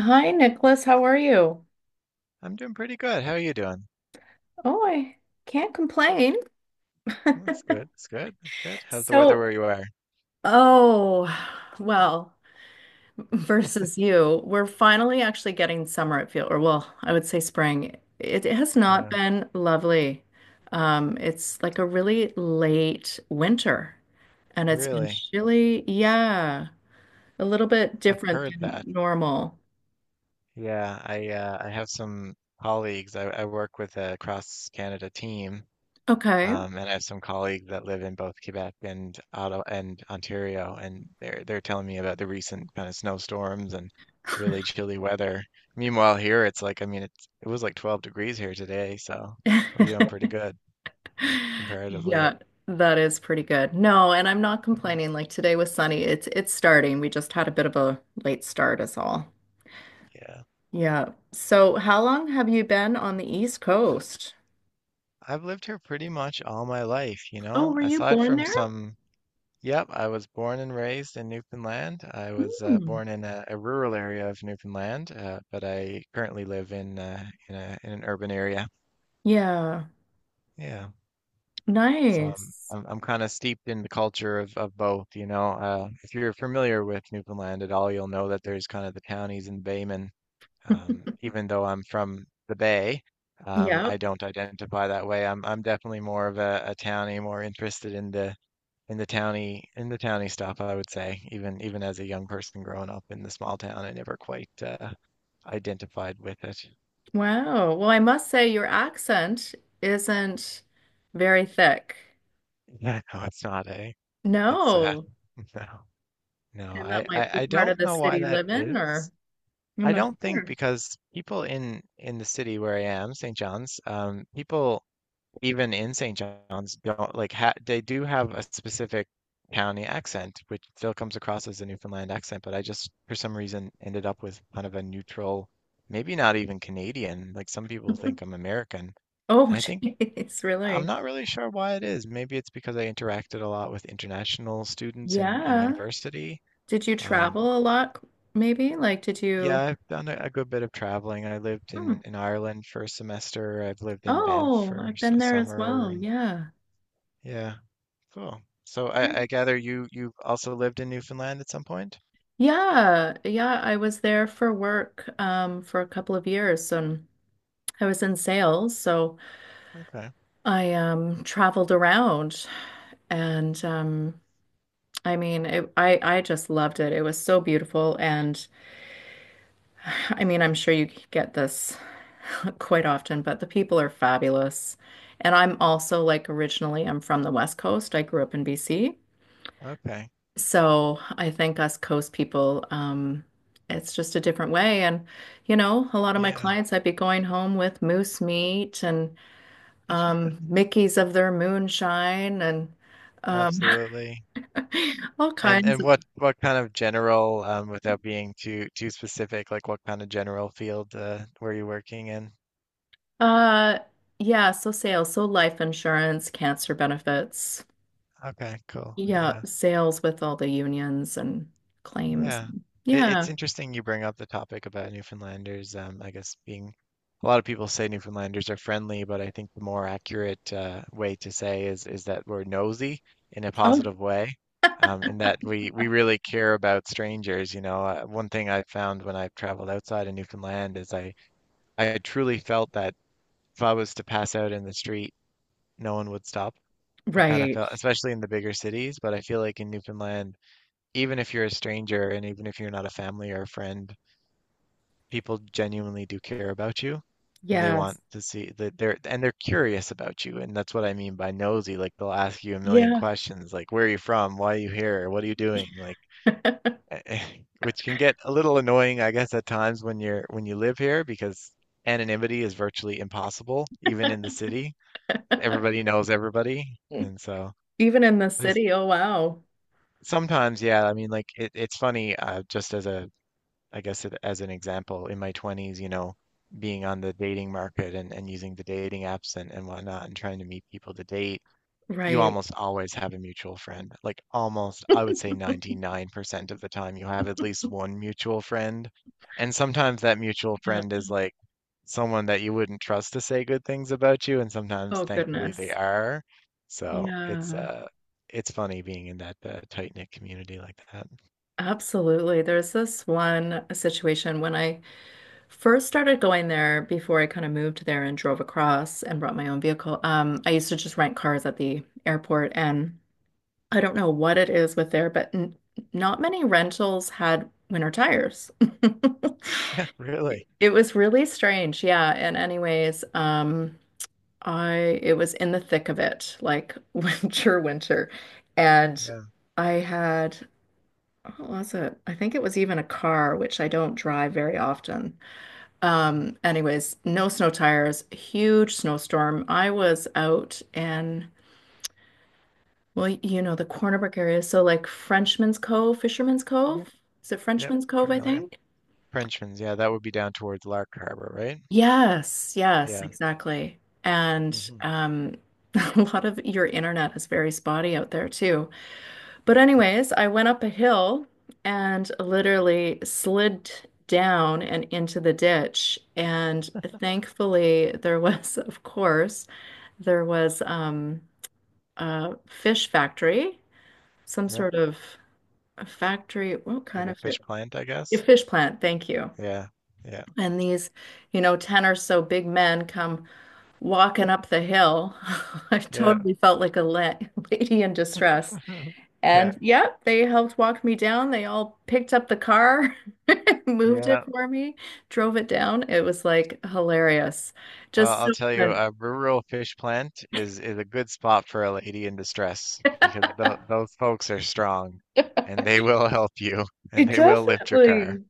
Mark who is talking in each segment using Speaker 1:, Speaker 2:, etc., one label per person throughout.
Speaker 1: Hi, Nicholas. How are you?
Speaker 2: I'm doing pretty good. How are you doing?
Speaker 1: Oh, I can't complain.
Speaker 2: That's good. That's good. That's good. How's the weather where
Speaker 1: So,
Speaker 2: you are?
Speaker 1: oh, well, Versus you, we're finally actually getting summer, or I would say spring. It has not
Speaker 2: Uh,
Speaker 1: been lovely. It's like a really late winter, and it's been
Speaker 2: really?
Speaker 1: chilly. Yeah, a little bit
Speaker 2: I've
Speaker 1: different
Speaker 2: heard
Speaker 1: than
Speaker 2: that.
Speaker 1: normal.
Speaker 2: Yeah, I have some colleagues. I work with a cross Canada team,
Speaker 1: Okay.
Speaker 2: and I have some colleagues that live in both Quebec and Ottawa and Ontario, and they're telling me about the recent kind of snowstorms and really chilly weather. Meanwhile, here it's like I mean, it was like 12 degrees here today, so we're doing pretty good comparatively.
Speaker 1: Yeah, that is pretty good. No, and I'm not complaining. Like today was sunny. It's starting. We just had a bit of a late start is all.
Speaker 2: Yeah.
Speaker 1: Yeah. So how long have you been on the East Coast?
Speaker 2: I've lived here pretty much all my life, you
Speaker 1: Oh,
Speaker 2: know,
Speaker 1: were you
Speaker 2: aside
Speaker 1: born
Speaker 2: from
Speaker 1: there?
Speaker 2: some, yep, I was born and raised in Newfoundland. I was
Speaker 1: Hmm.
Speaker 2: born in a rural area of Newfoundland, but I currently live in in an urban area.
Speaker 1: Yeah.
Speaker 2: Yeah. So I'm
Speaker 1: Nice.
Speaker 2: I'm, I'm kind of steeped in the culture of both, you know. If you're familiar with Newfoundland at all, you'll know that there's kind of the townies and baymen. Even though I'm from the Bay,
Speaker 1: Yep.
Speaker 2: I don't identify that way. I'm definitely more of a townie, more interested in the towny stuff, I would say, even as a young person growing up in the small town, I never quite identified with it.
Speaker 1: Wow. Well, I must say your accent isn't very thick.
Speaker 2: Yeah, no, it's not a. It's
Speaker 1: No.
Speaker 2: no, no.
Speaker 1: And that
Speaker 2: I, I
Speaker 1: might be
Speaker 2: I
Speaker 1: part
Speaker 2: don't
Speaker 1: of the
Speaker 2: know why
Speaker 1: city
Speaker 2: that
Speaker 1: living, or
Speaker 2: is.
Speaker 1: I'm
Speaker 2: I
Speaker 1: not
Speaker 2: don't think
Speaker 1: sure.
Speaker 2: because people in the city where I am, St. John's, people even in St. John's don't like ha they do have a specific county accent, which still comes across as a Newfoundland accent, but I just for some reason ended up with kind of a neutral, maybe not even Canadian. Like some people think I'm American,
Speaker 1: Oh,
Speaker 2: and I think
Speaker 1: jeez,
Speaker 2: I'm
Speaker 1: really?
Speaker 2: not really sure why it is. Maybe it's because I interacted a lot with international students in
Speaker 1: Yeah.
Speaker 2: university.
Speaker 1: Did you
Speaker 2: Um,
Speaker 1: travel a lot, maybe? Like, did
Speaker 2: yeah,
Speaker 1: you?
Speaker 2: I've done a good bit of traveling. I lived
Speaker 1: Hmm.
Speaker 2: in Ireland for a semester. I've lived in Banff
Speaker 1: Oh,
Speaker 2: for
Speaker 1: I've been
Speaker 2: a
Speaker 1: there as
Speaker 2: summer,
Speaker 1: well.
Speaker 2: and
Speaker 1: Yeah.
Speaker 2: yeah. Cool. So I gather you also lived in Newfoundland at some point?
Speaker 1: Yeah. Yeah. I was there for work for a couple of years. I was in sales, so
Speaker 2: Okay.
Speaker 1: I traveled around, and I mean, I just loved it. It was so beautiful. And I mean, I'm sure you get this quite often, but the people are fabulous. And I'm also, like, originally I'm from the West Coast. I grew up in BC.
Speaker 2: Okay.
Speaker 1: So I think us coast people, it's just a different way. And, you know, a lot of my
Speaker 2: Yeah,
Speaker 1: clients, I'd be going home with moose meat and Mickeys of their moonshine and um
Speaker 2: absolutely.
Speaker 1: all
Speaker 2: And
Speaker 1: kinds
Speaker 2: and
Speaker 1: of
Speaker 2: what what kind of general without being too specific, like what kind of general field were you working in?
Speaker 1: uh yeah, so sales, so life insurance, cancer benefits.
Speaker 2: Okay, cool.
Speaker 1: Yeah,
Speaker 2: Yeah.
Speaker 1: sales with all the unions and claims.
Speaker 2: Yeah. It, it's
Speaker 1: Yeah.
Speaker 2: interesting you bring up the topic about Newfoundlanders. I guess being a lot of people say Newfoundlanders are friendly, but I think the more accurate way to say is that we're nosy in a
Speaker 1: Oh,
Speaker 2: positive way, in that we really care about strangers. You know, one thing I found when I've traveled outside of Newfoundland is I truly felt that if I was to pass out in the street, no one would stop. I kind of
Speaker 1: right.
Speaker 2: felt, especially in the bigger cities, but I feel like in Newfoundland even if you're a stranger and even if you're not a family or a friend, people genuinely do care about you and they want
Speaker 1: Yes.
Speaker 2: to see that they're and they're curious about you. And that's what I mean by nosy. Like they'll ask you a million
Speaker 1: Yeah.
Speaker 2: questions, like where are you from? Why are you here? What are you doing? Like which can get a little annoying, I guess, at times when you live here because anonymity is virtually impossible, even in the city. Everybody knows everybody. And so
Speaker 1: Even in the
Speaker 2: there's
Speaker 1: city. Oh, wow.
Speaker 2: sometimes, yeah, I mean, like it's funny, just as a I guess as an example, in my 20s, you know, being on the dating market and using the dating apps and whatnot and trying to meet people to date, you
Speaker 1: Right.
Speaker 2: almost always have a mutual friend. Like almost, I would say 99% of the time, you have at least one mutual friend. And sometimes that mutual
Speaker 1: Yeah.
Speaker 2: friend is like someone that you wouldn't trust to say good things about you. And sometimes,
Speaker 1: Oh,
Speaker 2: thankfully, they
Speaker 1: goodness.
Speaker 2: are. So
Speaker 1: Yeah.
Speaker 2: it's funny being in that tight-knit community like that.
Speaker 1: Absolutely. There's this one situation when I first started going there, before I kind of moved there and drove across and brought my own vehicle. I used to just rent cars at the airport, and I don't know what it is with there, but n not many rentals had winter tires.
Speaker 2: Yeah, really.
Speaker 1: It was really strange. Yeah. And anyways, I it was in the thick of it, like, winter, winter. And I had, what was it? I think it was even a car, which I don't drive very often. Anyways, no snow tires, huge snowstorm. I was out in, well, you know, the Cornerback area. So like Frenchman's Cove, Fisherman's Cove.
Speaker 2: Yeah.
Speaker 1: Is it
Speaker 2: Yep,
Speaker 1: Frenchman's Cove, I
Speaker 2: familiar.
Speaker 1: think?
Speaker 2: Frenchman's, yeah, that would be down towards Lark Harbor, right?
Speaker 1: Yes, yes,
Speaker 2: Yeah.
Speaker 1: exactly. And
Speaker 2: Hmm.
Speaker 1: a lot of your internet is very spotty out there too. But anyways, I went up a hill and literally slid down and into the ditch. And thankfully there was, of course, there was a fish factory, some
Speaker 2: Yeah,
Speaker 1: sort of a factory. What
Speaker 2: like
Speaker 1: kind
Speaker 2: a
Speaker 1: of fish?
Speaker 2: fish plant, I
Speaker 1: A
Speaker 2: guess.
Speaker 1: fish plant, thank you.
Speaker 2: Yeah, yeah,
Speaker 1: And these, you know, 10 or so big men come walking up the hill. I
Speaker 2: yeah,
Speaker 1: totally felt like a la lady in distress.
Speaker 2: yeah,
Speaker 1: And yep, they helped walk me down. They all picked up the car, moved it
Speaker 2: yeah.
Speaker 1: for me, drove it down. It was like hilarious.
Speaker 2: Well,
Speaker 1: Just so
Speaker 2: I'll tell you,
Speaker 1: friendly.
Speaker 2: a rural fish plant is a good spot for a lady in distress because th those folks are strong, and they will help you, and
Speaker 1: It
Speaker 2: they will lift your car.
Speaker 1: definitely.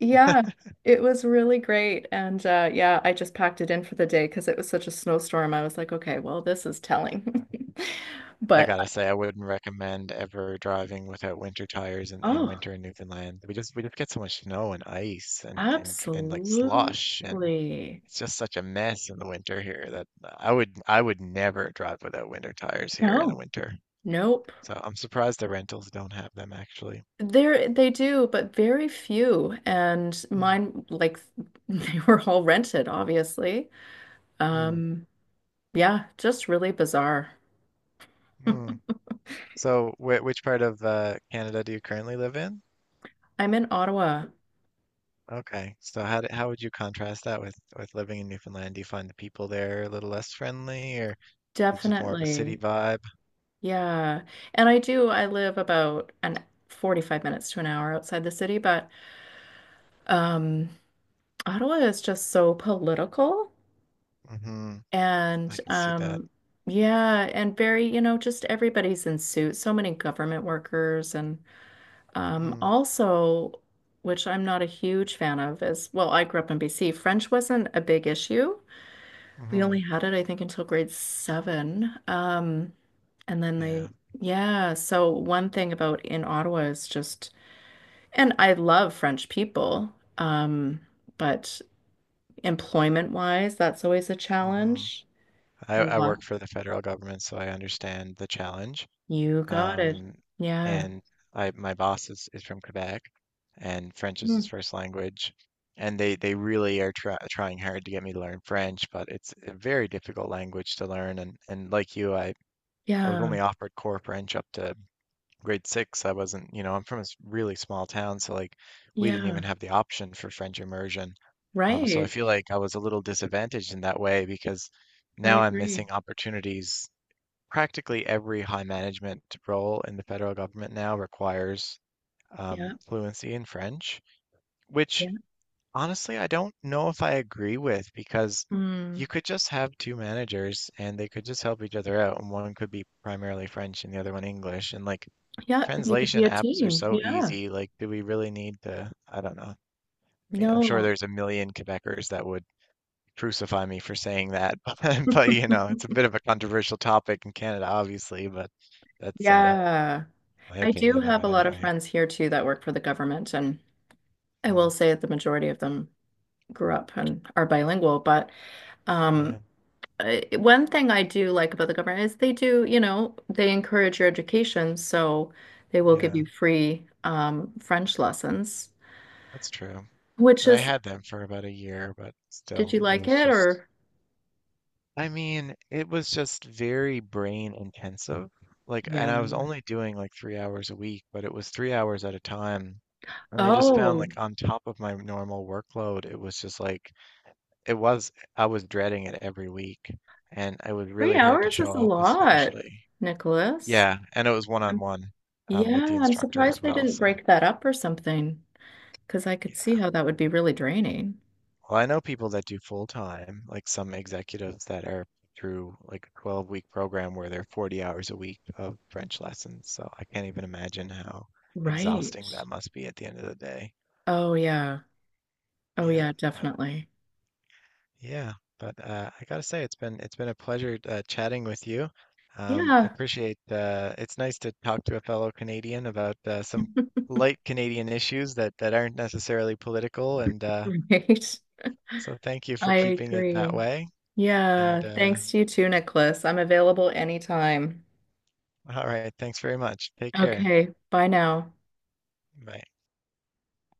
Speaker 1: Yeah, it was really great. And yeah, I just packed it in for the day because it was such a snowstorm. I was like, okay, well, this is telling.
Speaker 2: I
Speaker 1: But
Speaker 2: gotta say, I wouldn't recommend ever driving without winter tires in
Speaker 1: oh,
Speaker 2: winter in Newfoundland. We just get so much snow and ice and like slush and
Speaker 1: absolutely.
Speaker 2: it's just such a mess in the winter here that I would never drive without winter tires here in the
Speaker 1: No,
Speaker 2: winter.
Speaker 1: nope.
Speaker 2: So I'm surprised the rentals don't have them actually.
Speaker 1: There they do, but very few. And
Speaker 2: Mm,
Speaker 1: mine, like, they were all rented, obviously.
Speaker 2: mm,
Speaker 1: Um, yeah, just really bizarre.
Speaker 2: mm. So wh which part of Canada do you currently live in?
Speaker 1: I'm in Ottawa,
Speaker 2: Okay. So how would you contrast that with living in Newfoundland? Do you find the people there a little less friendly, or is it just more of a city
Speaker 1: definitely.
Speaker 2: vibe?
Speaker 1: Yeah. And I do, I live about an 45 minutes to an hour outside the city, but um Ottawa is just so political
Speaker 2: Hmm. I
Speaker 1: and
Speaker 2: can see that.
Speaker 1: yeah, and very, you know, just everybody's in suits, so many government workers and
Speaker 2: Mm,
Speaker 1: also, which I'm not a huge fan of is, well, I grew up in BC, French wasn't a big issue. We only
Speaker 2: hmm.
Speaker 1: had it, I think, until grade seven. And then they,
Speaker 2: Yeah.
Speaker 1: yeah. So one thing about in Ottawa is just, and I love French people, um, but employment-wise, that's always a
Speaker 2: Hmm.
Speaker 1: challenge. A
Speaker 2: I work
Speaker 1: lot.
Speaker 2: for the federal government, so I understand the challenge.
Speaker 1: You got it.
Speaker 2: Um,
Speaker 1: Yeah.
Speaker 2: and I my boss is from Quebec, and French is his
Speaker 1: Mm.
Speaker 2: first language. And they really are trying hard to get me to learn French, but it's a very difficult language to learn. And like you, I was
Speaker 1: Yeah.
Speaker 2: only offered core French up to grade six. I wasn't, you know, I'm from a really small town, so like we didn't even
Speaker 1: Yeah.
Speaker 2: have the option for French immersion. So I
Speaker 1: Right.
Speaker 2: feel like I was a little disadvantaged in that way because
Speaker 1: I
Speaker 2: now I'm
Speaker 1: agree.
Speaker 2: missing opportunities practically every high management role in the federal government now requires
Speaker 1: Yeah.
Speaker 2: fluency in French, which
Speaker 1: Yeah.
Speaker 2: honestly, I don't know if I agree with because
Speaker 1: Mm.
Speaker 2: you could just have two managers and they could just help each other out, and one could be primarily French and the other one English. And like
Speaker 1: Yeah. They could be
Speaker 2: translation
Speaker 1: a
Speaker 2: apps are
Speaker 1: team.
Speaker 2: so
Speaker 1: Yeah.
Speaker 2: easy. Like, do we really need to? I don't know. I mean, I'm sure
Speaker 1: No.
Speaker 2: there's a million Quebecers that would crucify me for saying that, but you know, it's a bit of a controversial topic in Canada, obviously, but that's
Speaker 1: Yeah.
Speaker 2: my
Speaker 1: I do
Speaker 2: opinion of
Speaker 1: have a
Speaker 2: it
Speaker 1: lot of
Speaker 2: anyway.
Speaker 1: friends here too that work for the government, and I will
Speaker 2: Mm,
Speaker 1: say that the majority of them grew up and are bilingual. But
Speaker 2: yeah,
Speaker 1: um, one thing I do like about the government is they do, you know, they encourage your education, so they will give
Speaker 2: yeah,
Speaker 1: you free French lessons,
Speaker 2: that's true.
Speaker 1: which
Speaker 2: And I
Speaker 1: is,
Speaker 2: had them for about a year, but
Speaker 1: did you
Speaker 2: still, it
Speaker 1: like
Speaker 2: was
Speaker 1: it
Speaker 2: just,
Speaker 1: or?
Speaker 2: I mean, it was just very brain intensive. Like, and
Speaker 1: Yeah.
Speaker 2: I was only doing like 3 hours a week, but it was 3 hours at a time. And I just found
Speaker 1: Oh,
Speaker 2: like on top of my normal workload, it was just like, I was dreading it every week. And it was
Speaker 1: three
Speaker 2: really hard to
Speaker 1: hours is a
Speaker 2: show up,
Speaker 1: lot,
Speaker 2: especially.
Speaker 1: Nicholas.
Speaker 2: Yeah. And it was one on
Speaker 1: I'm,
Speaker 2: one with the
Speaker 1: yeah, I'm
Speaker 2: instructor as
Speaker 1: surprised they
Speaker 2: well.
Speaker 1: didn't
Speaker 2: So,
Speaker 1: break that up or something, because I could see
Speaker 2: yeah.
Speaker 1: how that would be really draining.
Speaker 2: Well, I know people that do full time, like some executives that are through like a 12-week program where they're 40 hours a week of French lessons. So I can't even imagine how exhausting
Speaker 1: Right.
Speaker 2: that must be at the end of the day.
Speaker 1: Oh yeah. Oh
Speaker 2: Yeah,
Speaker 1: yeah,
Speaker 2: but
Speaker 1: definitely.
Speaker 2: yeah, but I gotta say it's been a pleasure chatting with you. I
Speaker 1: Yeah.
Speaker 2: appreciate it's nice to talk to a fellow Canadian about some light Canadian issues that aren't necessarily political, and
Speaker 1: Right.
Speaker 2: so thank you for
Speaker 1: I
Speaker 2: keeping it that
Speaker 1: agree.
Speaker 2: way. And
Speaker 1: Yeah. Thanks to you too, Nicholas. I'm available anytime.
Speaker 2: All right. Thanks very much. Take care.
Speaker 1: Okay. Bye now.
Speaker 2: Bye.